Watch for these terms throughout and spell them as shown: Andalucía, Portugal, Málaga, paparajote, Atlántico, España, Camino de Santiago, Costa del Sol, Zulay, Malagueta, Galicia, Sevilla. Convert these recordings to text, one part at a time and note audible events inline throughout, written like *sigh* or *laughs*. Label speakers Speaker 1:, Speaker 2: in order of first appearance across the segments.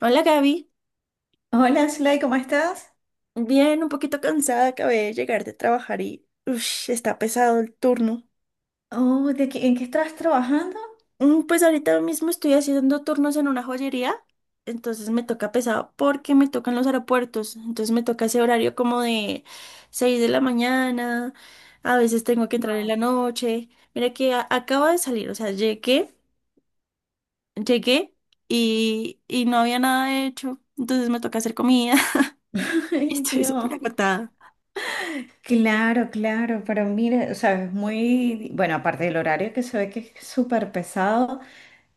Speaker 1: Hola Gaby,
Speaker 2: Hola, Zulay, ¿cómo estás?
Speaker 1: bien, un poquito cansada, acabé de llegar de trabajar y ush, está pesado el turno.
Speaker 2: Oh, ¿en qué estás trabajando?
Speaker 1: Pues ahorita mismo estoy haciendo turnos en una joyería, entonces me toca pesado porque me tocan los aeropuertos, entonces me toca ese horario como de 6 de la mañana, a veces tengo que entrar en la noche. Mira que acabo de salir, o sea, llegué, llegué y, no había nada hecho, entonces me toca hacer comida *laughs*
Speaker 2: *laughs*
Speaker 1: y
Speaker 2: Ay,
Speaker 1: estoy súper
Speaker 2: Dios.
Speaker 1: agotada.
Speaker 2: Claro, claro, pero mira, o sea, bueno, aparte del horario que se ve que es súper pesado,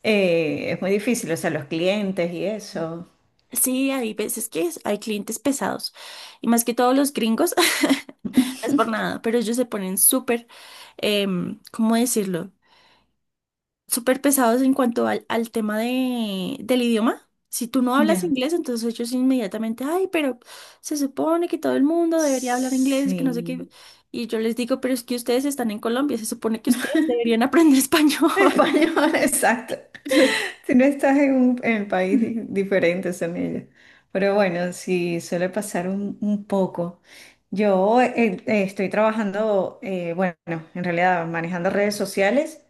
Speaker 2: es muy difícil, o sea, los clientes y eso.
Speaker 1: Sí, hay veces que hay clientes pesados y más que todos los gringos, *laughs* no es por nada, pero ellos se ponen súper, ¿cómo decirlo? Súper pesados en cuanto al tema del idioma. Si tú no hablas
Speaker 2: Ya.
Speaker 1: inglés, entonces ellos inmediatamente, ay, pero se supone que todo el mundo debería hablar inglés, que no sé qué.
Speaker 2: Sí.
Speaker 1: Y yo les digo, pero es que ustedes están en Colombia, se supone que ustedes deberían aprender *laughs* español.
Speaker 2: Español, *laughs* exacto.
Speaker 1: *laughs*
Speaker 2: Si no estás en el país diferente, son ellos. Pero bueno, sí, suele pasar un poco. Yo estoy trabajando, bueno, en realidad manejando redes sociales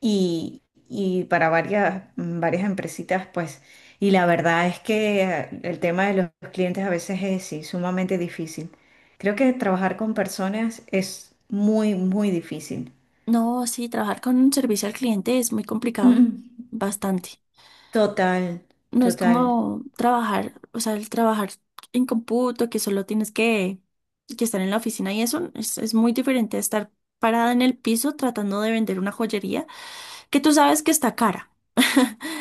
Speaker 2: y para varias empresitas, pues. Y la verdad es que el tema de los clientes a veces es, sí, sumamente difícil. Creo que trabajar con personas es muy, muy difícil.
Speaker 1: No, sí, trabajar con un servicio al cliente es muy complicado,
Speaker 2: *clears throat*
Speaker 1: bastante.
Speaker 2: Total,
Speaker 1: No es
Speaker 2: total.
Speaker 1: como trabajar, o sea, el trabajar en computo, que solo tienes que estar en la oficina y eso es muy diferente a estar parada en el piso tratando de vender una joyería que tú sabes que está cara,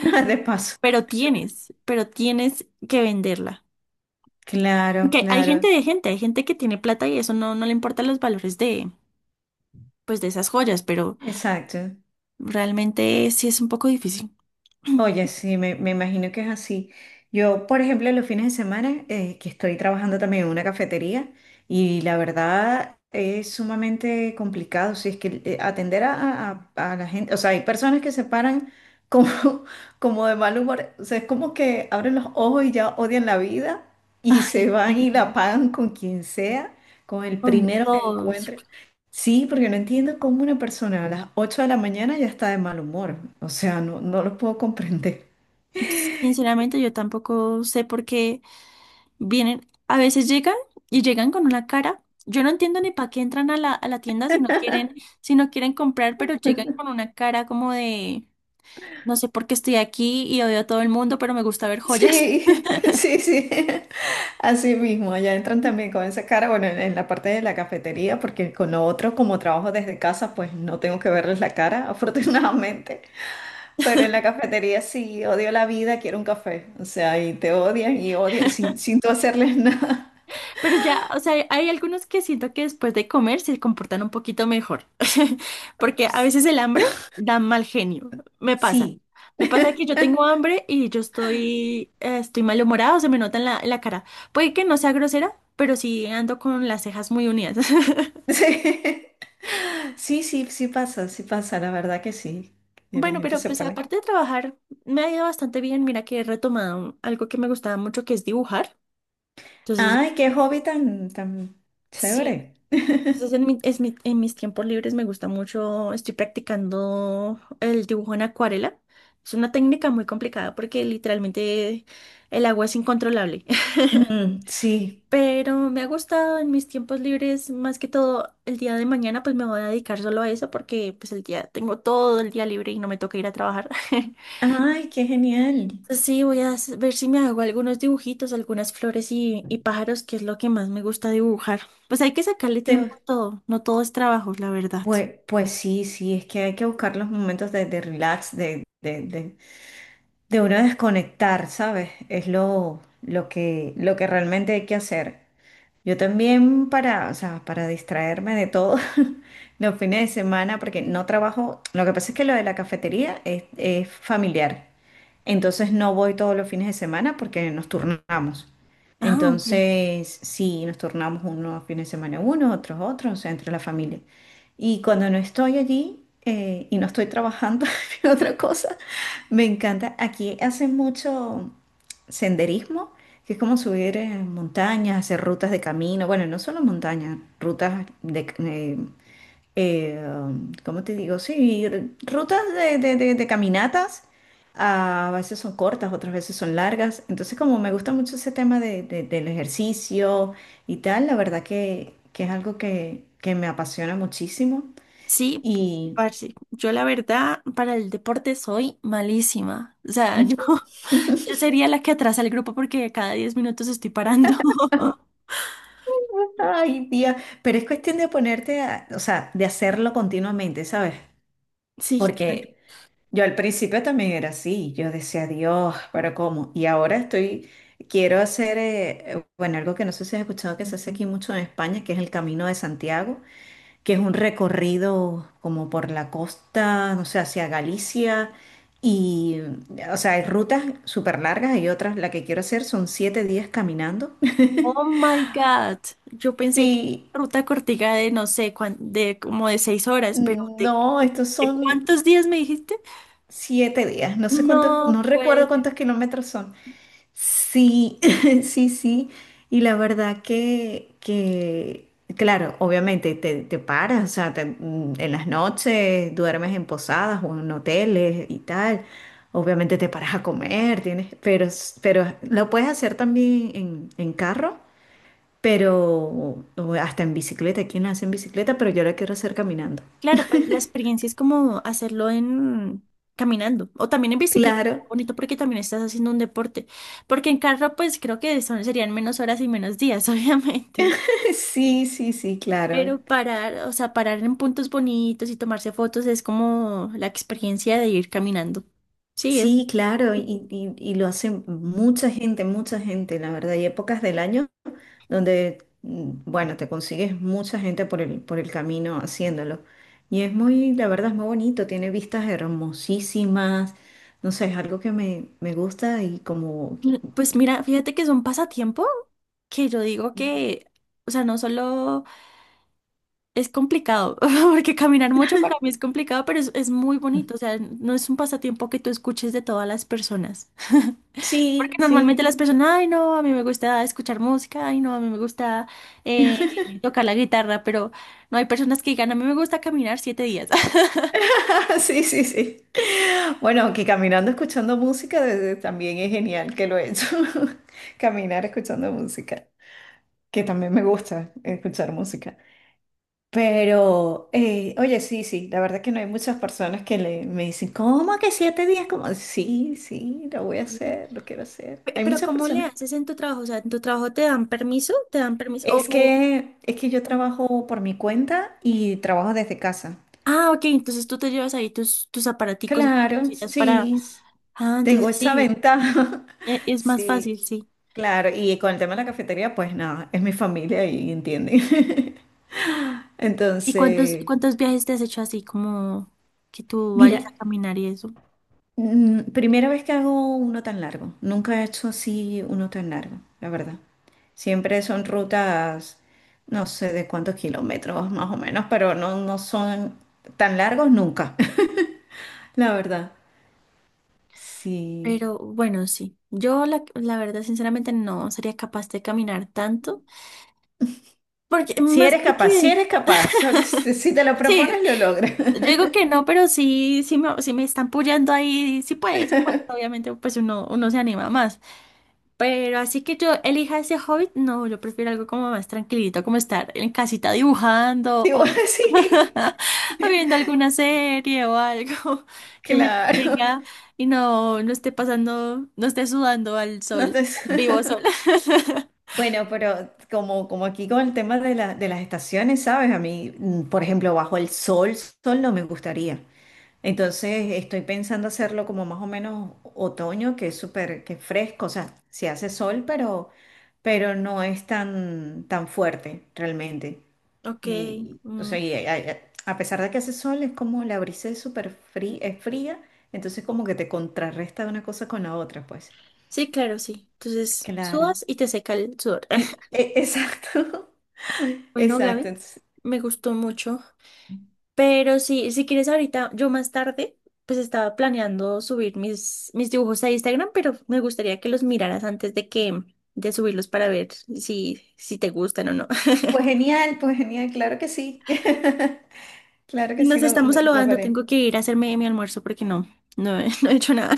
Speaker 2: *laughs* De paso.
Speaker 1: pero pero tienes que venderla.
Speaker 2: Claro,
Speaker 1: Que hay gente
Speaker 2: claro,
Speaker 1: de gente, hay gente que tiene plata y eso no, no le importan los valores de, pues, de esas joyas, pero
Speaker 2: exacto.
Speaker 1: realmente sí es un poco difícil.
Speaker 2: Oye,
Speaker 1: *clears throat*
Speaker 2: sí, me imagino que es así. Yo, por ejemplo, los fines de semana, que estoy trabajando también en una cafetería, y la verdad es sumamente complicado. Si es que atender a la gente, o sea, hay personas que se paran como, *laughs* como de mal humor. O sea, es como que abren los ojos y ya odian la vida, y
Speaker 1: Ay,
Speaker 2: se van
Speaker 1: sí,
Speaker 2: y la pagan con quien sea, con el
Speaker 1: con
Speaker 2: primero que
Speaker 1: todos.
Speaker 2: encuentren. Sí, porque no entiendo cómo una persona a las 8 de la mañana ya está de mal humor. O sea, no, no lo puedo comprender.
Speaker 1: Sinceramente, yo tampoco sé por qué. Vienen, a veces llegan y llegan con una cara. Yo no entiendo ni para qué entran a a la tienda si no quieren, si no quieren comprar, pero llegan con una cara como de, no sé por qué estoy aquí y odio a todo el mundo, pero me gusta ver joyas.
Speaker 2: Sí, *laughs* sí, sí. Así mismo, allá entran también con esa cara, bueno, en la parte de la cafetería, porque con lo otro, como trabajo desde casa, pues no tengo que verles la cara, *laughs* afortunadamente. Pero en la cafetería, sí, odio la vida, quiero un café. O sea, y te odian y odian sin tú hacerles *laughs* nada.
Speaker 1: Pero ya, o sea, hay algunos que siento que después de comer se comportan un poquito mejor, *laughs* porque a
Speaker 2: Pues,
Speaker 1: veces el hambre da mal genio, me pasa.
Speaker 2: sí,
Speaker 1: Me pasa que yo tengo hambre y yo estoy, estoy malhumorada, se me nota en en la cara. Puede que no sea grosera, pero sí ando con las cejas muy unidas.
Speaker 2: sí,
Speaker 1: *laughs*
Speaker 2: *laughs* sí, sí, sí pasa, la verdad que sí. Y la
Speaker 1: Bueno,
Speaker 2: gente
Speaker 1: pero
Speaker 2: se
Speaker 1: pues
Speaker 2: pone.
Speaker 1: aparte de trabajar, me ha ido bastante bien. Mira que he retomado algo que me gustaba mucho, que es dibujar. Entonces,
Speaker 2: Ay, qué hobby tan, tan
Speaker 1: sí.
Speaker 2: chévere.
Speaker 1: Entonces, en,
Speaker 2: *laughs*
Speaker 1: mi- es mi- en mis tiempos libres me gusta mucho, estoy practicando el dibujo en acuarela. Es una técnica muy complicada porque literalmente el agua es incontrolable.
Speaker 2: Mm, sí.
Speaker 1: *laughs* Pero me ha gustado en mis tiempos libres, más que todo el día de mañana, pues me voy a dedicar solo a eso porque pues el día tengo todo el día libre y no me toca ir a trabajar. *laughs*
Speaker 2: Ay, qué genial.
Speaker 1: Sí, voy a ver si me hago algunos dibujitos, algunas flores y pájaros, que es lo que más me gusta dibujar. Pues hay que sacarle tiempo
Speaker 2: Te-
Speaker 1: a todo, no todo es trabajo, la verdad.
Speaker 2: pues, pues sí, sí, es que hay que buscar los momentos de relax, de uno desconectar, ¿sabes? Es lo que realmente hay que hacer. Yo también para, o sea, para distraerme de todo *laughs* los fines de semana, porque no trabajo. Lo que pasa es que lo de la cafetería es familiar, entonces no voy todos los fines de semana porque nos turnamos.
Speaker 1: Ah, ok.
Speaker 2: Entonces, sí, nos turnamos unos fines de semana uno, otros otros, o sea, entre la familia. Y cuando no estoy allí y no estoy trabajando *laughs* en otra cosa, me encanta. Aquí hacen mucho senderismo, que es como subir montañas, hacer rutas de camino, bueno, no solo montañas, rutas de, ¿cómo te digo? Sí, rutas de caminatas, ah, a veces son cortas, otras veces son largas. Entonces, como me gusta mucho ese tema del ejercicio y tal, la verdad que es algo que me apasiona muchísimo
Speaker 1: Sí,
Speaker 2: y...
Speaker 1: parce, yo la verdad para el deporte soy malísima. O sea, yo,
Speaker 2: *laughs*
Speaker 1: *laughs* yo sería la que atrasa el grupo porque cada 10 minutos estoy parando. *laughs*
Speaker 2: Ay, tía, pero es cuestión de ponerte o sea, de hacerlo continuamente, ¿sabes?
Speaker 1: Sí, claro.
Speaker 2: Porque yo al principio también era así, yo decía, Dios, pero ¿cómo? Y ahora quiero hacer, bueno, algo que no sé si has escuchado que se hace aquí mucho en España, que es el Camino de Santiago, que es un recorrido como por la costa, no sé, hacia Galicia, y, o sea, hay rutas súper largas y otras. La que quiero hacer son 7 días caminando. *laughs*
Speaker 1: Oh my God. Yo pensé que
Speaker 2: Sí,
Speaker 1: era ruta cortiga de no sé, de como de 6 horas, pero ¿de,
Speaker 2: no, estos
Speaker 1: de
Speaker 2: son
Speaker 1: cuántos días me dijiste?
Speaker 2: 7 días, no sé cuántos,
Speaker 1: No,
Speaker 2: no
Speaker 1: pues.
Speaker 2: recuerdo cuántos kilómetros son. Sí, *laughs* sí, sí. Y la verdad que claro, obviamente te paras, o sea, en las noches duermes en posadas o en hoteles y tal. Obviamente te paras a comer, tienes, pero lo puedes hacer también en, carro, pero o hasta en bicicleta. Aquí hace en bicicleta, pero yo lo quiero hacer caminando.
Speaker 1: Claro, pues la experiencia es como hacerlo en caminando o también en bicicleta.
Speaker 2: Claro,
Speaker 1: Bonito porque también estás haciendo un deporte. Porque en carro, pues creo que son, serían menos horas y menos días, *laughs* obviamente.
Speaker 2: *laughs* sí, sí, sí, claro.
Speaker 1: Pero parar, o sea, parar en puntos bonitos y tomarse fotos es como la experiencia de ir caminando. Sí, es,
Speaker 2: Sí, claro, y, y lo hace mucha gente, la verdad. Hay épocas del año donde, bueno, te consigues mucha gente por el camino haciéndolo. Y es muy, la verdad, es muy bonito, tiene vistas hermosísimas, no sé, es algo que me gusta y como...
Speaker 1: pues mira, fíjate que es un pasatiempo que yo digo que, o sea, no solo. Es complicado, *laughs* porque caminar mucho para mí es complicado, pero es muy bonito. O sea, no es un pasatiempo que tú escuches de todas las personas. *laughs* Porque
Speaker 2: Sí,
Speaker 1: normalmente las
Speaker 2: sí,
Speaker 1: personas, ay, no, a mí me gusta escuchar música, ay, no, a mí me gusta eh, tocar la guitarra, pero no hay personas que digan, a mí me gusta caminar 7 días. *laughs*
Speaker 2: *laughs* sí, sí, sí. Bueno, que caminando escuchando música también es genial, que lo he hecho. *laughs* Caminar escuchando música, que también me gusta escuchar música. Pero, oye, sí, sí, la verdad que no hay muchas personas que me dicen, ¿cómo que 7 días? Como, sí, sí, lo voy a
Speaker 1: Sí.
Speaker 2: hacer, lo quiero hacer. Hay
Speaker 1: Pero
Speaker 2: muchas
Speaker 1: ¿cómo le
Speaker 2: personas.
Speaker 1: haces en tu trabajo? O sea, ¿en tu trabajo te dan permiso? ¿Te dan permiso?
Speaker 2: Es que, es que yo trabajo por mi cuenta y trabajo desde casa.
Speaker 1: Ah, ok, entonces tú te llevas ahí tus aparaticos y tus
Speaker 2: Claro,
Speaker 1: cositas para...
Speaker 2: sí,
Speaker 1: Ah,
Speaker 2: tengo
Speaker 1: entonces
Speaker 2: esa
Speaker 1: sí,
Speaker 2: ventaja. *laughs*
Speaker 1: es más
Speaker 2: Sí,
Speaker 1: fácil, sí.
Speaker 2: claro. Y con el tema de la cafetería, pues nada, es mi familia y entienden. *laughs*
Speaker 1: ¿Y cuántos,
Speaker 2: Entonces,
Speaker 1: cuántos viajes te has hecho así como que tú vayas
Speaker 2: mira,
Speaker 1: a caminar y eso?
Speaker 2: Primera vez que hago uno tan largo. Nunca he hecho así uno tan largo, la verdad. Siempre son rutas, no sé de cuántos kilómetros más o menos, pero no, no son tan largos nunca, *laughs* la verdad. Sí.
Speaker 1: Pero bueno, sí. Yo la verdad, sinceramente, no sería capaz de caminar tanto. Porque,
Speaker 2: Si
Speaker 1: más
Speaker 2: eres capaz, si
Speaker 1: porque,
Speaker 2: eres capaz, si te lo
Speaker 1: sí,
Speaker 2: propones, lo logras.
Speaker 1: yo digo que no, pero sí, sí me están puyando ahí. Sí puedes, obviamente, pues uno se anima más. Pero así que yo elija ese hobby, no, yo prefiero algo como más tranquilito, como estar en casita dibujando
Speaker 2: *laughs* Digo,
Speaker 1: o,
Speaker 2: *laughs* sí,
Speaker 1: *laughs* o viendo alguna serie o algo *laughs* que me
Speaker 2: claro.
Speaker 1: tenga y no, no esté pasando, no esté sudando al sol,
Speaker 2: No te-
Speaker 1: al vivo
Speaker 2: *laughs*
Speaker 1: sol. *laughs*
Speaker 2: Bueno, pero como, como aquí con el tema de las estaciones, ¿sabes? A mí, por ejemplo, bajo el sol no me gustaría. Entonces estoy pensando hacerlo como más o menos otoño, que es súper, que es fresco, o sea, sí hace sol, pero, no es tan, tan fuerte realmente.
Speaker 1: Ok,
Speaker 2: Y, o
Speaker 1: mm,
Speaker 2: sea, y a pesar de que hace sol, es como la brisa es súper fría, es fría, entonces como que te contrarresta una cosa con la otra, pues.
Speaker 1: sí, claro, sí. Entonces,
Speaker 2: Claro.
Speaker 1: sudas y te seca el sudor.
Speaker 2: Y,
Speaker 1: *laughs*
Speaker 2: exacto, *laughs*
Speaker 1: Bueno,
Speaker 2: exacto.
Speaker 1: Gaby,
Speaker 2: Entonces,
Speaker 1: me gustó mucho. Pero sí, si quieres ahorita, yo más tarde, pues estaba planeando subir mis dibujos a Instagram, pero me gustaría que los miraras antes de que, de subirlos para ver si, si te gustan o no. *laughs*
Speaker 2: pues genial, claro que sí. *laughs* Claro que
Speaker 1: Nos
Speaker 2: sí, lo,
Speaker 1: estamos
Speaker 2: lo, lo
Speaker 1: saludando,
Speaker 2: veré.
Speaker 1: tengo que ir a hacerme mi almuerzo porque no, no, *laughs* no he hecho nada.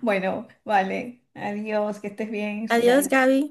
Speaker 2: Bueno, vale. Adiós, que estés bien,
Speaker 1: *laughs* Adiós,
Speaker 2: Zulay.
Speaker 1: Gaby.